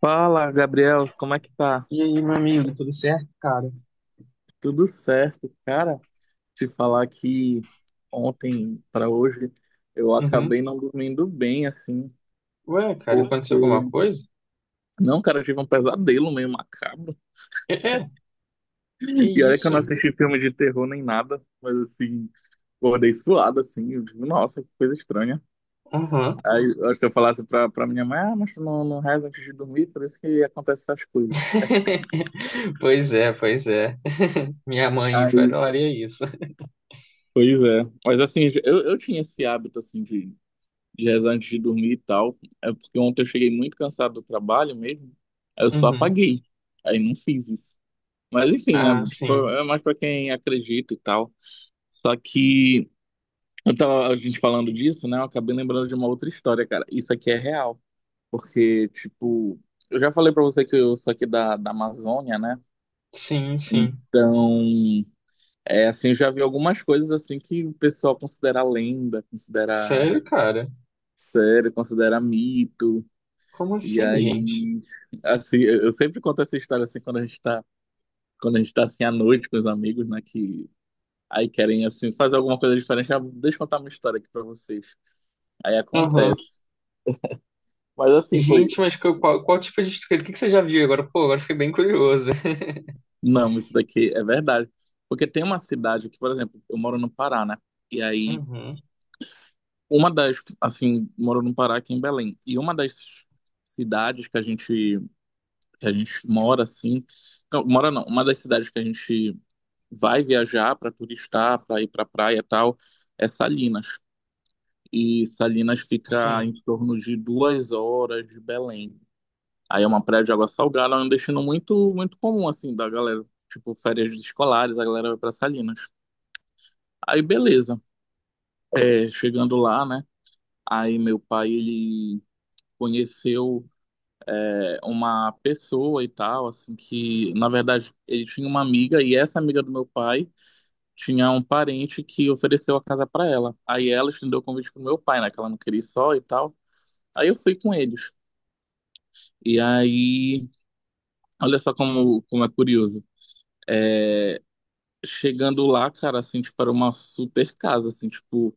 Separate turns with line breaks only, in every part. Fala, Gabriel, como é que tá?
E aí, meu amigo, tudo certo, cara?
Tudo certo, cara? Te falar que ontem para hoje eu
Uhum.
acabei não dormindo bem, assim,
Ué, cara,
porque
aconteceu alguma coisa?
não, cara, eu tive um pesadelo meio macabro.
É, é, que
E olha que eu
isso?
não assisti filme de terror nem nada, mas assim, acordei suado, assim, eu digo, nossa, que coisa estranha.
Uhum.
Aí eu acho que eu falasse pra minha mãe, ah, mas tu não reza antes de dormir, por isso que acontecem essas coisas.
Pois é, pois é. Minha mãe
Aí,
falaria isso.
pois é. Mas assim, eu tinha esse hábito, assim, de rezar antes de dormir e tal. É porque ontem eu cheguei muito cansado do trabalho mesmo. Aí eu só
Uhum.
apaguei. Aí não fiz isso. Mas enfim, né?
Ah,
Tipo,
sim.
é mais pra quem acredita e tal. Só que eu tava a gente falando disso, né? Eu acabei lembrando de uma outra história, cara. Isso aqui é real. Porque, tipo, eu já falei pra você que eu sou aqui da Amazônia, né?
Sim, sim.
Então, é assim, eu já vi algumas coisas assim que o pessoal considera lenda, considera
Sério, cara?
sério, considera mito.
Como
E
assim, gente?
aí, assim, eu sempre conto essa história assim quando a gente tá assim à noite com os amigos, né, que aí querem assim fazer alguma coisa diferente, ah, deixa eu contar uma história aqui pra vocês. Aí
Aham.
acontece. Mas assim foi,
Gente, qual, qual tipo de estrutura? O que que você já viu agora? Pô, agora fiquei bem curioso.
não, isso daqui é verdade. Porque tem uma cidade que, por exemplo, eu moro no Pará, né? E aí
Uhum.
uma das assim, moro no Pará aqui em Belém. E uma das cidades que a gente mora assim, não, mora não, uma das cidades que a gente vai viajar para turistar, para ir para praia e tal, é Salinas. E Salinas fica em
Sim.
torno de 2 horas de Belém. Aí é uma praia de água salgada, é um destino muito, muito comum, assim, da galera. Tipo, férias escolares, a galera vai para Salinas. Aí, beleza. É, chegando lá, né? Aí meu pai, ele conheceu uma pessoa e tal, assim, que, na verdade, ele tinha uma amiga, e essa amiga do meu pai tinha um parente que ofereceu a casa para ela. Aí ela estendeu o convite pro meu pai, né? Que ela não queria ir só e tal. Aí eu fui com eles. E aí, olha só como é curioso. Chegando lá, cara, assim, tipo, era uma super casa, assim, tipo,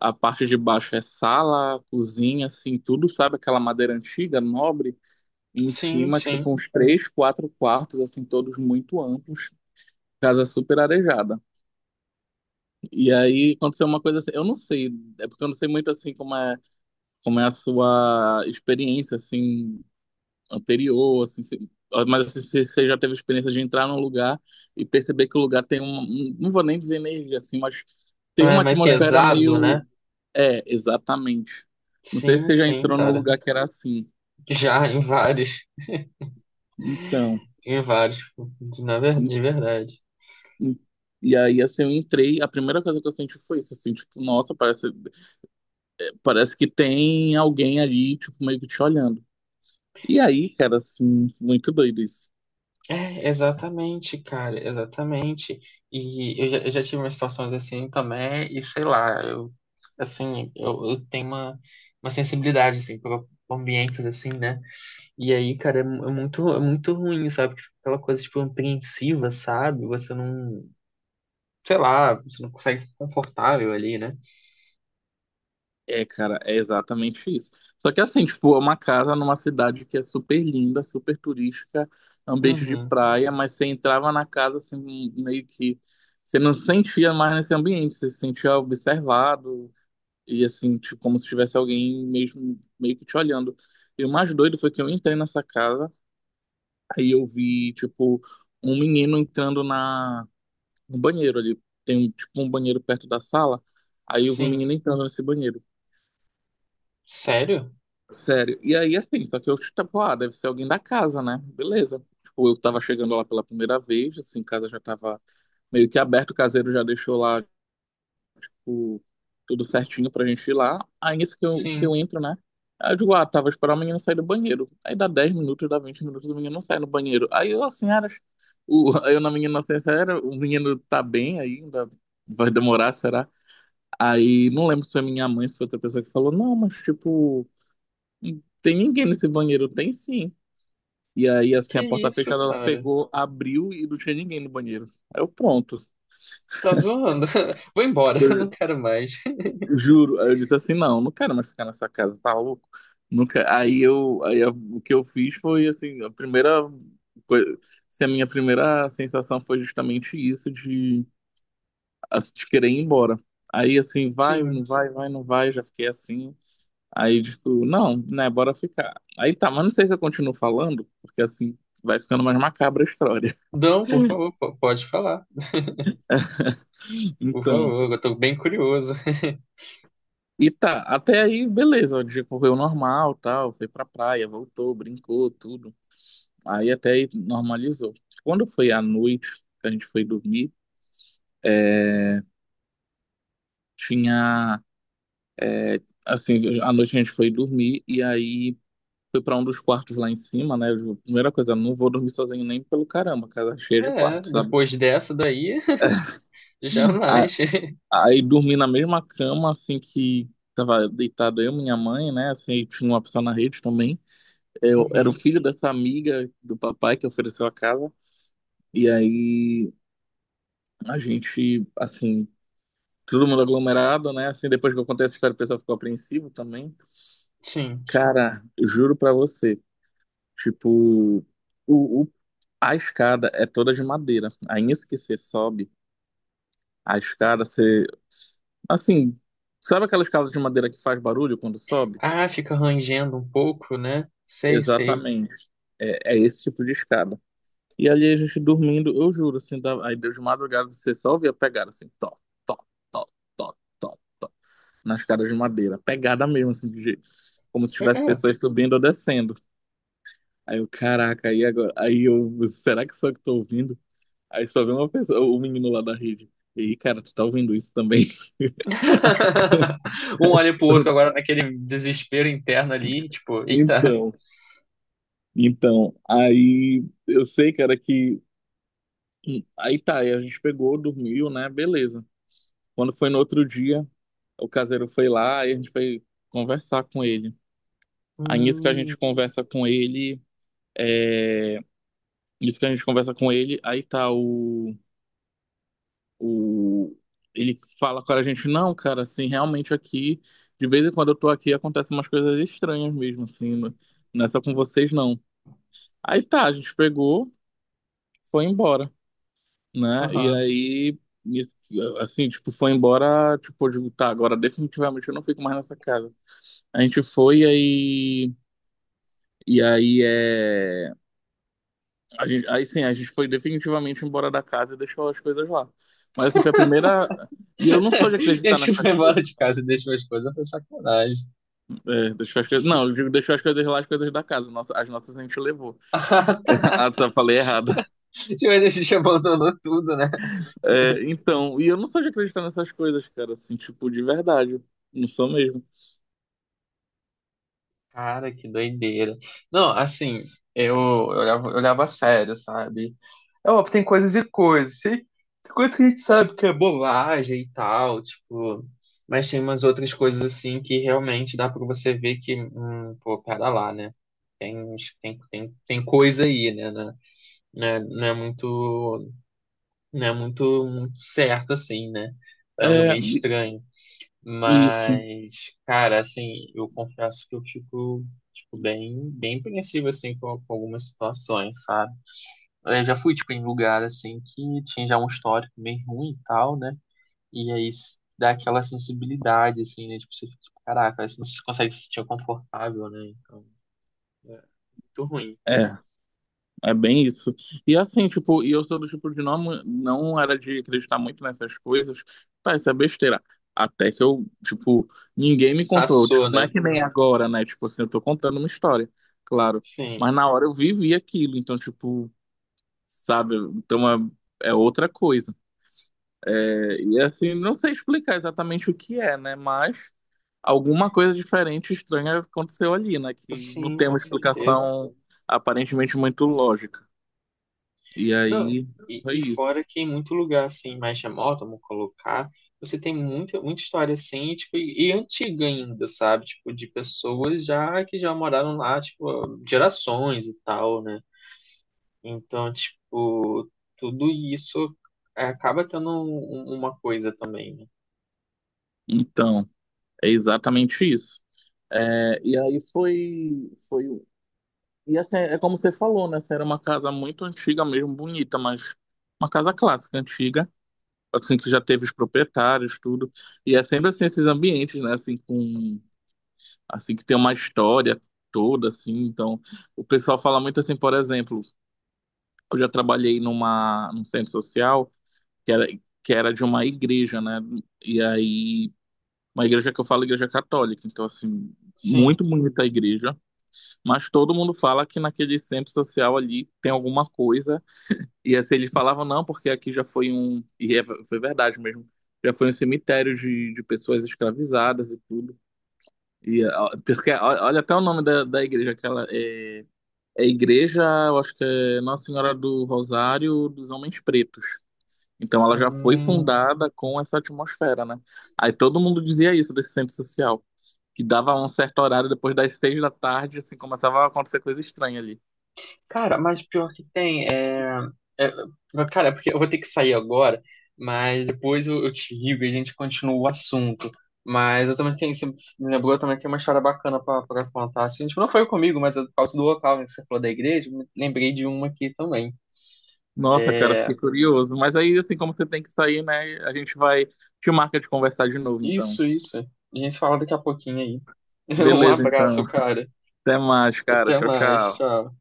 a parte de baixo é sala, cozinha, assim, tudo, sabe? Aquela madeira antiga, nobre. E em
Sim,
cima,
sim.
tipo, uns três, quatro quartos, assim, todos muito amplos. Casa super arejada. E aí aconteceu uma coisa assim, eu não sei, é porque eu não sei muito assim como é a sua experiência assim anterior, assim, mas assim, se você já teve a experiência de entrar num lugar e perceber que o lugar tem um, não vou nem dizer energia assim, mas tem
É
uma
mais
atmosfera
pesado,
meio,
né?
é, exatamente. Não sei se
Sim,
você já
sim,
entrou num
cara.
lugar que era assim.
Já
Então,
em vários,
em-
de verdade.
em- e aí assim eu entrei, a primeira coisa que eu senti foi isso, assim, tipo, nossa, parece que tem alguém ali, tipo, meio que te olhando. E aí, cara, assim, muito doido isso.
É, exatamente, cara, exatamente. Eu já tive umas situações assim também, e sei lá, eu, assim, eu tenho uma sensibilidade, assim, para ambientes assim, né? E aí, cara, é muito ruim, sabe? Aquela coisa, tipo, apreensiva, sabe? Você não, sei lá, você não consegue ficar confortável ali, né?
É, cara, é exatamente isso. Só que assim, tipo, é uma casa numa cidade que é super linda, super turística, é um beijo de
Uhum,
praia, mas você entrava na casa assim, meio que você não se sentia mais nesse ambiente, você se sentia observado e assim, tipo, como se tivesse alguém mesmo meio que te olhando. E o mais doido foi que eu entrei nessa casa, aí eu vi, tipo, um menino entrando na no banheiro ali, tem um, tipo um banheiro perto da sala, aí eu vi um menino
sim.
entrando nesse banheiro.
Sério?
Sério. E aí, assim, só que eu, tipo, ah, deve ser alguém da casa, né? Beleza. Tipo, eu tava chegando lá pela primeira vez, assim, casa já tava meio que aberta, o caseiro já deixou lá, tipo, tudo certinho pra gente ir lá. Aí, nisso que eu, que
Sim.
eu entro, né? Aí eu digo, ah, tava esperando o menino sair do banheiro. Aí dá 10 minutos, dá 20 minutos, o menino não sai no banheiro. Aí eu, assim, era... O, eu na minha inocência, era, o menino tá bem ainda, vai demorar, será? Aí, não lembro se foi minha mãe, se foi outra pessoa que falou, não, mas, tipo... E tem ninguém nesse banheiro? Tem sim. E aí, assim,
Que
a porta
isso,
fechada, ela
cara?
pegou, abriu e não tinha ninguém no banheiro. Aí eu, pronto.
Tá zoando. Vou embora, não
Eu
quero mais.
juro. Aí eu disse assim, não, não quero mais ficar nessa casa, tá louco? Nunca. Aí eu, o que eu fiz foi, assim, a primeira coisa, assim, a minha primeira sensação foi justamente isso de, de querer ir embora. Aí, assim,
Sim.
vai, não vai, já fiquei assim. Aí, tipo, não, né, bora ficar. Aí tá, mas não sei se eu continuo falando, porque assim vai ficando mais macabra a história.
Não, por favor, pode falar. Por
Então,
favor, eu tô bem curioso.
e tá, até aí, beleza, o dia correu normal, tal, foi pra praia, voltou, brincou, tudo. Aí até aí normalizou. Quando foi à noite que a gente foi dormir, tinha, assim, à noite a gente foi dormir e aí foi pra um dos quartos lá em cima, né? Primeira coisa, não vou dormir sozinho nem pelo caramba, casa é cheia de
É,
quartos, sabe?
depois dessa daí, jamais.
Aí dormi na mesma cama, assim, que tava deitado eu, minha mãe, né? Assim, e tinha uma pessoa na rede também. Eu era o
Uhum,
filho dessa amiga do papai que ofereceu a casa. E aí a gente, assim, todo mundo aglomerado, né? Assim, depois que eu contei essa história, o pessoal ficou apreensivo também.
sim.
Cara, eu juro pra você, tipo, o, o- a escada é toda de madeira. Aí nisso que você sobe, a escada, você, assim, sabe aquela escada de madeira que faz barulho quando sobe?
Ah, fica rangendo um pouco, né? Sei, sei.
Exatamente. É esse tipo de escada. E ali a gente dormindo, eu juro, assim, aí de madrugada você só ouvia pegada, assim, top top top top top nas escadas de madeira. Pegada mesmo, assim, de jeito. Como se
É,
tivesse
é.
pessoas subindo ou descendo. Aí eu, caraca, aí agora? Aí eu, será que só que tô ouvindo? Aí só vem uma pessoa, o menino lá da rede. E cara, tu tá ouvindo isso também?
Um olha pro outro agora naquele desespero interno ali, tipo, eita.
Então, então, aí eu sei, cara, que. Aí tá, aí a gente pegou, dormiu, né? Beleza. Quando foi no outro dia, o caseiro foi lá e a gente foi conversar com ele. Aí nisso que a
Hum,
gente conversa com ele, nisso que a gente conversa com ele, aí tá o ele fala com a gente, não, cara, assim, realmente aqui, de vez em quando eu tô aqui, acontecem umas coisas estranhas mesmo, assim, não é só com vocês, não. Aí tá, a gente pegou, foi embora, né? E
aham.
aí, nisso assim, tipo, foi embora, tipo, eu digo, tá, agora definitivamente eu não fico mais nessa casa. A gente foi, aí e aí é. A gente... Aí sim, a gente foi definitivamente embora da casa e deixou as coisas lá. Mas assim, foi a primeira. E eu não sou de
E aí
acreditar
você
nessas
foi
coisas.
embora de casa e deixou as coisas, foi sacanagem.
É, deixou as coisas. Não, eu digo, deixou as coisas lá, as coisas da casa. As nossas a gente levou.
Ah, tá.
Ah, tá, falei errado.
Tipo, ele se abandonou tudo, né?
É, então, e eu não sou de acreditar nessas coisas, cara, assim, tipo, de verdade. Não sou mesmo.
Cara, que doideira. Não, assim, eu olhava a sério, sabe? É óbvio, tem coisas e coisas. Tem, tem coisas que a gente sabe que é bobagem e tal, tipo. Mas tem umas outras coisas, assim, que realmente dá pra você ver que, pô, pera lá, né? Tem, tem, tem coisa aí, né? Né? Não é, não é muito, não é muito certo, assim, né? É algo
É,
meio estranho.
isso.
Mas, cara, assim, eu confesso que eu fico, tipo, bem, bem apreensivo, assim, com algumas situações, sabe? Eu já fui, tipo, em lugar, assim, que tinha já um histórico bem ruim e tal, né? Dá aquela sensibilidade, assim, né? Tipo, você fica, tipo, caraca, aí você não consegue se sentir confortável, né? Então, é muito ruim.
É. É bem isso. E assim, tipo, e eu sou do tipo de não era de acreditar muito nessas coisas. Tá, isso é besteira. Até que eu, tipo, ninguém me contou.
Passou,
Tipo, não
né?
é que nem agora, né? Tipo assim, eu tô contando uma história, claro.
Sim,
Mas na hora eu vivi aquilo, então, tipo, sabe? Então é outra coisa. É, e assim, não sei explicar exatamente o que é, né? Mas alguma coisa diferente, estranha aconteceu ali, né? Que não
sim,
tem
com
uma
certeza.
explicação aparentemente muito lógica. E
Não,
aí foi
e
isso.
fora que em muito lugar assim, mais remoto, vamos colocar, você tem muita, muita história assim, e, tipo, e antiga ainda, sabe? Tipo, de pessoas já que já moraram lá, tipo, gerações e tal, né? Então, tipo, tudo isso é, acaba tendo uma coisa também, né?
Então, é exatamente isso. É, e aí foi, foi. E assim, é como você falou, né? Essa era uma casa muito antiga mesmo, bonita, mas uma casa clássica, antiga, assim, que já teve os proprietários, tudo. E é sempre assim, esses ambientes, né? Assim, assim, que tem uma história toda, assim. Então, o pessoal fala muito assim, por exemplo, eu já trabalhei num centro social que era, que era de uma igreja, né? E aí. Uma igreja que eu falo, igreja católica, então assim,
Sim.
muito bonita a igreja, mas todo mundo fala que naquele centro social ali tem alguma coisa, e assim, eles falavam não, porque aqui já foi um, e foi verdade mesmo, já foi um cemitério de pessoas escravizadas e tudo, e ó, porque, ó, olha até o nome da igreja, aquela é, igreja, eu acho que é Nossa Senhora do Rosário dos Homens Pretos, então ela já foi
Hum,
fundada com essa atmosfera, né? Aí todo mundo dizia isso desse centro social que dava um certo horário depois das 6 da tarde, assim, começava a acontecer coisa estranha ali.
cara, mas pior que tem, é... é- é, cara, porque eu vou ter que sair agora, mas depois eu te ligo e a gente continua o assunto. Mas eu também tenho, você me lembrou, eu também tenho uma história bacana pra contar. Assim, tipo, não foi comigo, mas é por causa do local né, que você falou da igreja, eu me lembrei de uma aqui também.
Nossa, cara, fiquei curioso. Mas aí, assim, como você tem que sair, né? A gente vai. Te marca de conversar de novo, então.
Isso, isso. A gente se fala daqui a pouquinho aí. Um
Beleza, então.
abraço, cara.
Até mais, cara.
Até
Tchau,
mais,
tchau.
tchau.